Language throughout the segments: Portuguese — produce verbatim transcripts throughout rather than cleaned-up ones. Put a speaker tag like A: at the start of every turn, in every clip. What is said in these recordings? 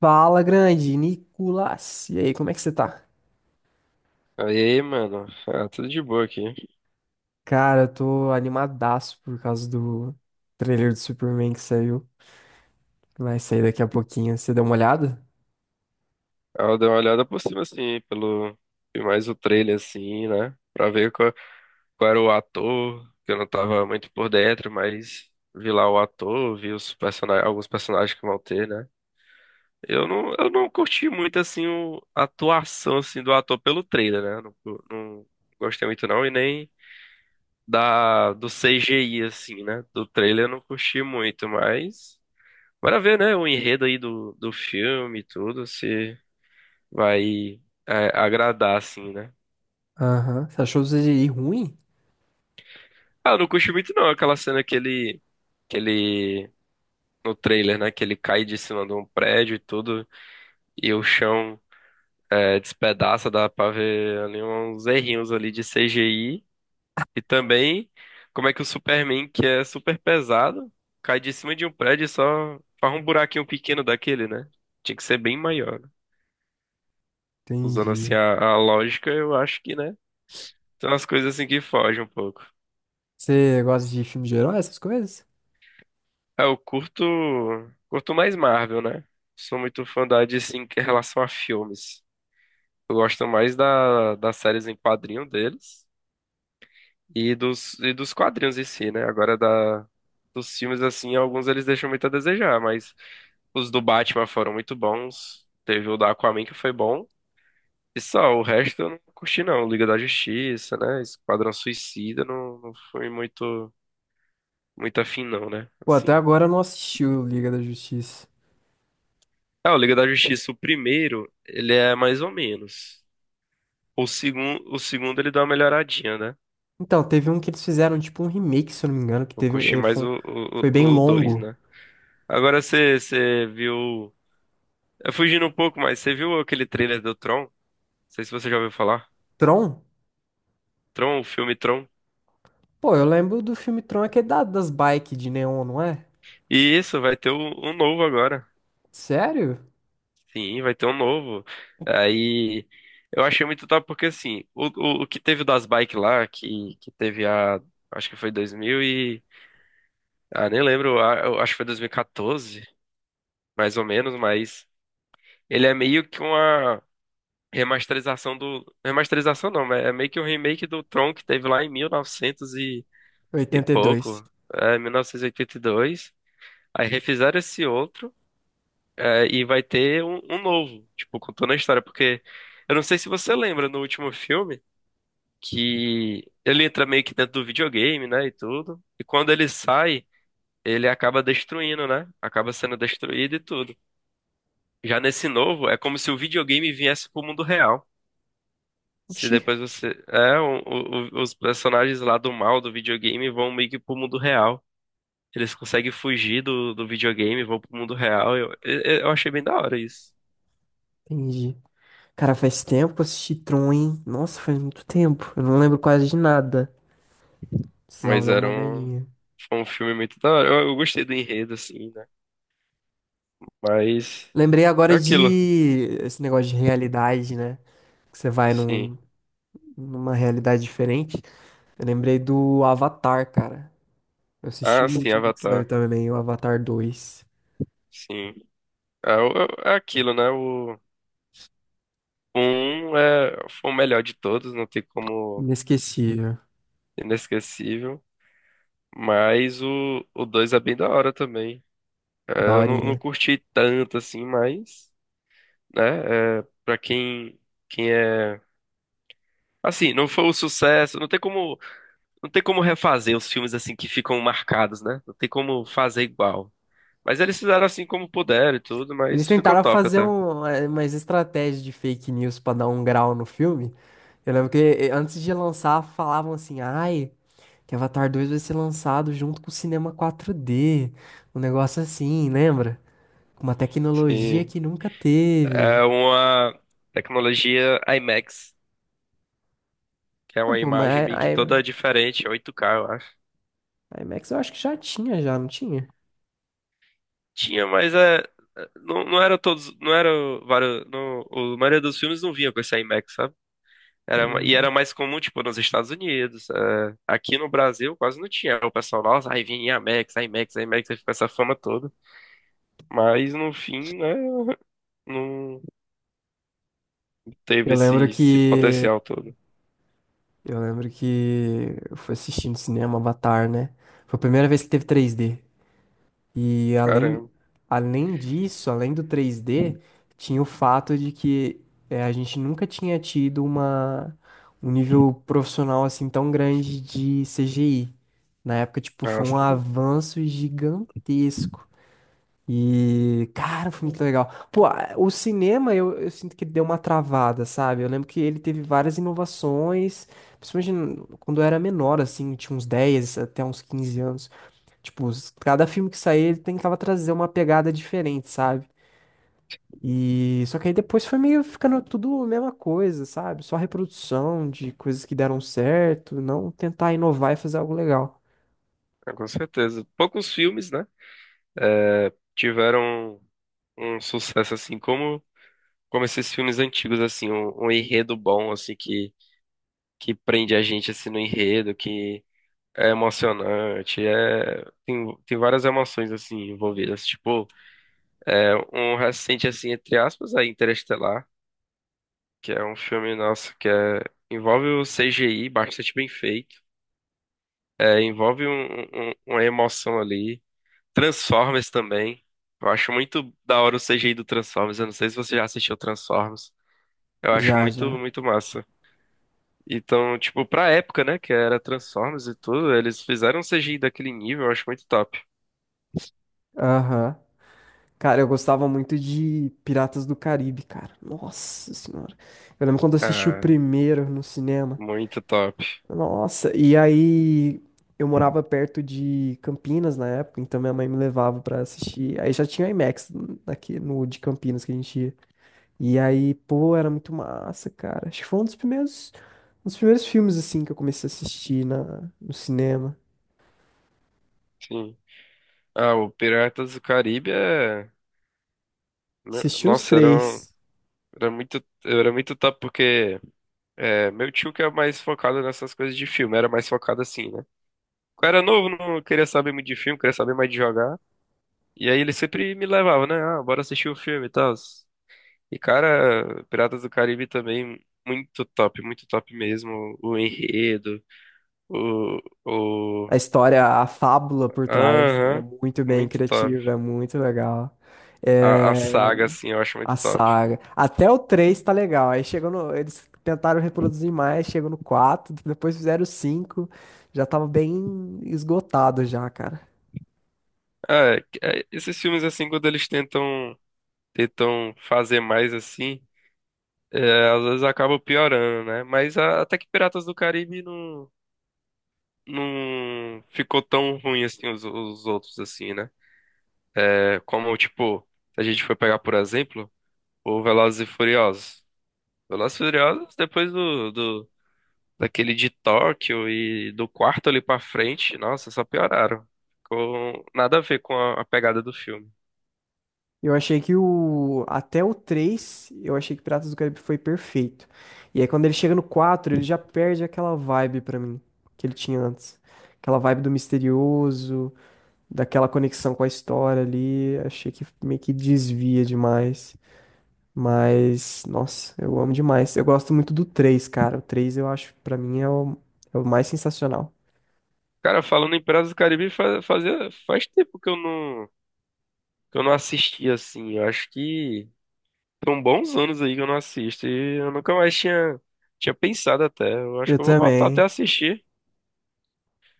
A: Fala, grande Nicolas. E aí, como é que você tá?
B: Aí, mano, ah, tudo de boa aqui.
A: Cara, eu tô animadaço por causa do trailer do Superman que saiu. Vai sair daqui a pouquinho. Você deu uma olhada?
B: Ah, Eu dei uma olhada por cima, assim, pelo... Vi mais o trailer, assim, né? Pra ver qual, qual era o ator, que eu não tava muito por dentro, mas vi lá o ator, vi os personagens, alguns personagens que vão ter, né? Eu não, eu não curti muito, assim, o- a atuação, assim, do ator pelo trailer, né? Não, não gostei muito, não, e nem da, do C G I, assim, né? Do trailer eu não curti muito, mas... Bora ver, né, o enredo aí do, do filme e tudo, se vai é, agradar, assim, né?
A: Aham. Você achou o C G I ruim?
B: Ah, eu não curti muito não, aquela cena que ele, que ele, no trailer, né, que ele cai de cima de um prédio e tudo, e o chão é, despedaça. Dá pra ver ali uns errinhos ali de C G I, e também como é que o Superman, que é super pesado, cai de cima de um prédio e só faz um buraquinho pequeno daquele, né? Tinha que ser bem maior, né? Usando assim
A: Entendi.
B: a, a lógica, eu acho que, né, são as coisas assim que fogem um pouco.
A: Você gosta de filme de herói, essas coisas?
B: Ah, eu curto, curto mais Marvel, né? Sou muito fã da D C em relação a filmes. Eu gosto mais da, das séries em quadrinho deles e dos, e dos quadrinhos em si, né? Agora da, dos filmes, assim, alguns eles deixam muito a desejar, mas os do Batman foram muito bons. Teve o da Aquaman que foi bom. E só, o resto eu não curti não. Liga da Justiça, né? Esquadrão Suicida não, não foi muito, muito afim não, né?
A: Pô, até
B: Assim.
A: agora eu não assisti o Liga da Justiça.
B: Ah, o Liga da Justiça, o primeiro, ele é mais ou menos. O segundo, o segundo ele dá uma melhoradinha, né?
A: Então, teve um que eles fizeram, tipo um remake, se eu não me engano, que
B: Eu
A: teve,
B: curti
A: eh,
B: mais
A: foi, um,
B: o, o,
A: foi bem
B: o o dois,
A: longo.
B: né? Agora você você viu. É fugindo um pouco, mas você viu aquele trailer do Tron? Não sei se você já ouviu falar.
A: Tron?
B: Tron, o filme Tron.
A: Pô, eu lembro do filme Tron, aquele da, das bikes de neon, não é?
B: E isso, vai ter um, um novo agora.
A: Sério?
B: Sim, vai ter um novo. Aí. Eu achei muito top porque, assim, o, o, o que teve das bikes lá, que, que teve a. Acho que foi dois mil e. Ah, nem lembro, a- eu acho que foi dois mil e quatorze, mais ou menos, mas ele é meio que uma remasterização do. Remasterização não, mas é meio que um remake do Tron que teve lá em mil e novecentos e, novecentos e e
A: Oitenta e
B: pouco,
A: dois.
B: é, mil novecentos e oitenta e dois. Aí refizeram esse outro, é, e vai ter um, um novo, tipo, contando a história, porque eu não sei se você lembra no último filme que ele entra meio que dentro do videogame, né, e tudo, e quando ele sai. Ele acaba destruindo, né? Acaba sendo destruído e tudo. Já nesse novo, é como se o videogame viesse pro mundo real. Se
A: Oxi,
B: depois você. É, o- o- os personagens lá do mal do videogame vão meio que pro mundo real. Eles conseguem fugir do, do videogame, vão pro mundo real. Eu, eu, eu achei bem da hora isso.
A: entendi. Cara, faz tempo que eu assisti Tron, hein? Nossa, faz muito tempo. Eu não lembro quase de nada. Precisava
B: Mas
A: dar uma
B: era um.
A: olhadinha.
B: Foi um filme muito da hora. Eu, eu gostei do enredo, assim, né? Mas.
A: Lembrei
B: É
A: agora
B: aquilo.
A: de esse negócio de realidade, né? Que você vai
B: Sim.
A: num- numa realidade diferente. Eu lembrei do Avatar, cara. Eu assisti
B: Ah,
A: o
B: sim,
A: último que saiu
B: Avatar.
A: também, o Avatar dois.
B: Sim. É, o- é é aquilo, né? O. o Um é, foi o melhor de todos, não tem como.
A: Inesquecível.
B: Inesquecível. Mas o, o dois é bem da hora também. É, eu não, não
A: Daorinha.
B: curti tanto assim, mas, né, é, pra quem, quem é. Assim, não foi um sucesso, não tem como, não tem como refazer os filmes assim que ficam marcados, né? Não tem como fazer igual. Mas eles fizeram assim como puderam e tudo,
A: Eles
B: mas ficou
A: tentaram
B: top
A: fazer
B: até.
A: um, eh, umas estratégias de fake news pra dar um grau no filme. Eu lembro que eh, antes de lançar, falavam assim, ai. Que Avatar dois vai ser lançado junto com o cinema quatro D. Um negócio assim, lembra? Com uma tecnologia
B: Sim.
A: que nunca
B: É
A: teve.
B: uma tecnologia IMAX, que é
A: Ah,
B: uma
A: pô,
B: imagem
A: mas
B: meio
A: a,
B: que toda diferente, oito K, eu acho.
A: a IMAX eu acho que já tinha, já, não tinha?
B: Tinha, mas é, não, não era todos, não era o- vários, não, o- a maioria dos filmes não vinha com esse IMAX, sabe? Era, ma- e
A: Hum.
B: era mais comum, tipo, nos Estados Unidos. É, aqui no Brasil quase não tinha. O pessoal, nossa, aí vinha IMAX, IMAX, IMAX, aí ficou essa fama toda. Mas no fim, né, não teve
A: Eu
B: esse,
A: lembro
B: esse
A: que.
B: potencial todo.
A: Eu lembro que eu fui assistindo cinema Avatar, né? Foi a primeira vez que teve três D. E além,
B: Caramba.
A: além disso, além do três D, tinha o fato de que eh, a gente nunca tinha tido uma, um nível profissional assim tão grande de C G I. Na época, tipo, foi
B: Nossa,
A: um
B: tem-
A: avanço gigantesco. E, cara, foi muito legal. Pô, a- o cinema eu, eu sinto que deu uma travada, sabe? Eu lembro que ele teve várias inovações, principalmente n- quando eu era menor, assim, tinha uns dez até uns quinze anos. Tipo, os- cada filme que saía, ele tentava trazer uma pegada diferente, sabe? E só que aí depois foi meio ficando tudo a mesma coisa, sabe? Só reprodução de coisas que deram certo, não tentar inovar e fazer algo legal.
B: É, com certeza. Poucos filmes, né, tiveram um sucesso assim, como, como esses filmes antigos, assim, um, um enredo bom, assim, que que prende a gente assim no enredo, que é emocionante, é tem, tem várias emoções assim envolvidas, tipo, é um recente assim entre aspas aí Interestelar, que é um filme nosso que é envolve o C G I bastante bem feito, é, envolve um, um- uma emoção ali. Transformers também. Eu acho muito da hora o C G I do Transformers, eu não sei se você já assistiu Transformers. Eu acho
A: Já,
B: muito
A: já.
B: muito massa. Então, tipo, pra época, né, que era Transformers e tudo, eles fizeram um C G I daquele nível, eu acho muito top.
A: Aham. Cara, eu gostava muito de Piratas do Caribe, cara. Nossa Senhora. Eu lembro quando eu assisti o
B: Ah,
A: primeiro no cinema.
B: muito top.
A: Nossa, e aí eu morava perto de Campinas na época, então minha mãe me levava pra assistir. Aí já tinha IMAX aqui no de Campinas que a gente ia. E aí, pô, era muito massa, cara. Acho que foi um dos primeiros, um dos primeiros filmes assim que eu comecei a assistir na, no cinema.
B: Sim. Ah, o Piratas do Caribe é. meu-
A: Assisti os
B: Nossa, era, um-
A: três.
B: era muito, era muito top porque é, meu tio que é mais focado nessas coisas de filme, era mais focado assim, né? Quando eu era novo, não queria saber muito de filme, queria saber mais de jogar. E aí ele sempre me levava, né? Ah, bora assistir o filme e tal. E, cara, Piratas do Caribe também, muito top, muito top mesmo. O enredo, o...
A: A
B: o...
A: história, a fábula por trás é
B: Aham,
A: muito bem
B: muito top.
A: criativa, é muito legal.
B: A, a
A: É,
B: saga, assim, eu acho
A: a
B: muito top.
A: saga. Até o três tá legal. Aí chegou no. Eles tentaram reproduzir mais, chegou no quatro depois fizeram o cinco. Já tava bem esgotado já, cara.
B: Ah, é- É, esses filmes, assim, quando eles tentam, tentam fazer mais, assim, é, às vezes acaba piorando, né? Mas a- até que Piratas do Caribe não... Não ficou tão ruim assim os, os outros, assim, né? É, como, tipo, se a gente for pegar por exemplo, o Velozes e Furiosos. O Velozes e Furiosos, depois do, do, daquele de Tóquio e do quarto ali pra frente, nossa, só pioraram. Ficou nada a ver com a, a pegada do filme.
A: Eu achei que o. Até o três eu achei que Piratas do Caribe foi perfeito. E aí quando ele chega no quatro ele já perde aquela vibe pra mim que ele tinha antes. Aquela vibe do misterioso, daquela conexão com a história ali. Achei que meio que desvia demais. Mas, nossa, eu amo demais. Eu gosto muito do três cara. O três eu acho, pra mim, é o, é o mais sensacional.
B: Cara, falando em Piratas do Caribe, faz, fazia, faz tempo que eu não, que eu não assisti assim. Eu acho que são bons anos aí que eu não assisto. E eu nunca mais tinha, tinha pensado até. Eu acho
A: Eu
B: que eu vou voltar até a
A: também,
B: assistir.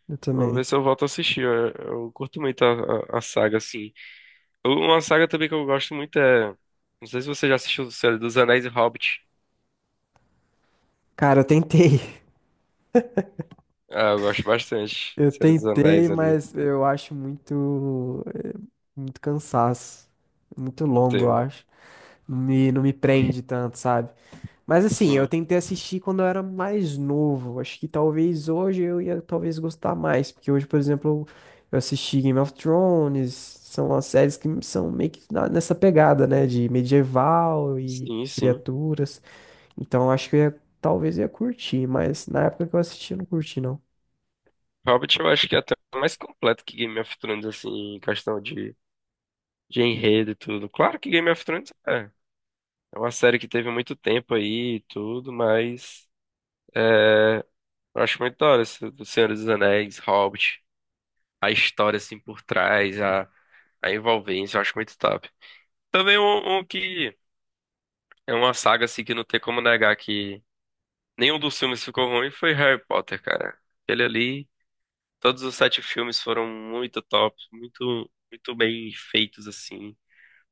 A: eu
B: Vou
A: também.
B: ver se eu volto a assistir. Eu, eu curto muito a, a, a saga, assim. Uma saga também que eu gosto muito é. Não sei se você já assistiu Senhor dos Anéis e Hobbit.
A: Cara, eu tentei.
B: Ah, eu gosto bastante.
A: Eu
B: Senhor dos
A: tentei,
B: Anéis ali.
A: mas eu acho muito, é, muito cansaço. Muito longo, eu
B: Tem-
A: acho. Não me, não me prende tanto, sabe? Mas assim, eu
B: Sim,
A: tentei assistir quando eu era mais novo. Acho que talvez hoje eu ia talvez gostar mais, porque hoje, por exemplo, eu assisti Game of Thrones, são as séries que são meio que na- nessa pegada, né, de medieval e
B: sim, sim.
A: criaturas. Então eu acho que eu ia, talvez eu ia curtir, mas na época que eu assisti eu não curti não.
B: Hobbit eu acho que é até mais completo que Game of Thrones, assim, em questão de, de enredo e tudo. Claro que Game of Thrones é. É uma série que teve muito tempo aí e tudo, mas. É, eu acho muito da hora esse do Senhor dos Anéis, Hobbit. A história, assim, por trás, a, a envolvência, eu acho muito top. Também um, um que é uma saga assim que não tem como negar que nenhum dos filmes ficou ruim foi Harry Potter, cara. Aquele ali, todos os sete filmes foram muito top, muito, muito bem feitos assim.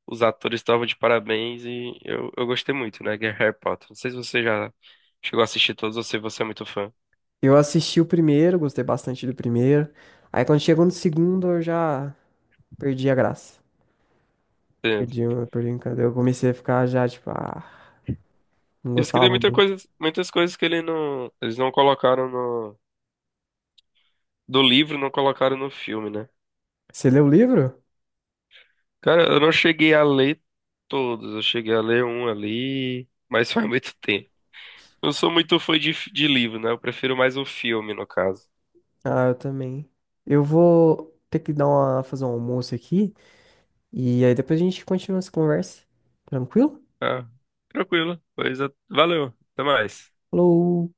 B: Os atores estavam de parabéns e eu, eu gostei muito, né, que é Harry Potter. Não sei se você já chegou a assistir todos ou se você é muito fã.
A: Eu assisti o primeiro, gostei bastante do primeiro. Aí quando chegou no segundo eu já perdi a graça.
B: Entendo.
A: Perdi, o- perdi o encanto. Eu comecei a ficar já tipo, ah, não
B: Isso que tem
A: gostava
B: muita
A: muito.
B: coisa, muitas coisas que ele não, eles não colocaram no, do livro, não colocaram no filme, né?
A: Você leu o livro?
B: Cara, eu não cheguei a ler todos, eu cheguei a ler um ali, mas faz muito tempo. Eu sou muito fã de, de livro, né? Eu prefiro mais o filme, no caso.
A: Ah, eu também. Eu vou ter que dar uma, fazer um almoço aqui e aí depois a gente continua essa conversa. Tranquilo?
B: Ah, tranquilo. Pois é, valeu. Até mais.
A: Falou!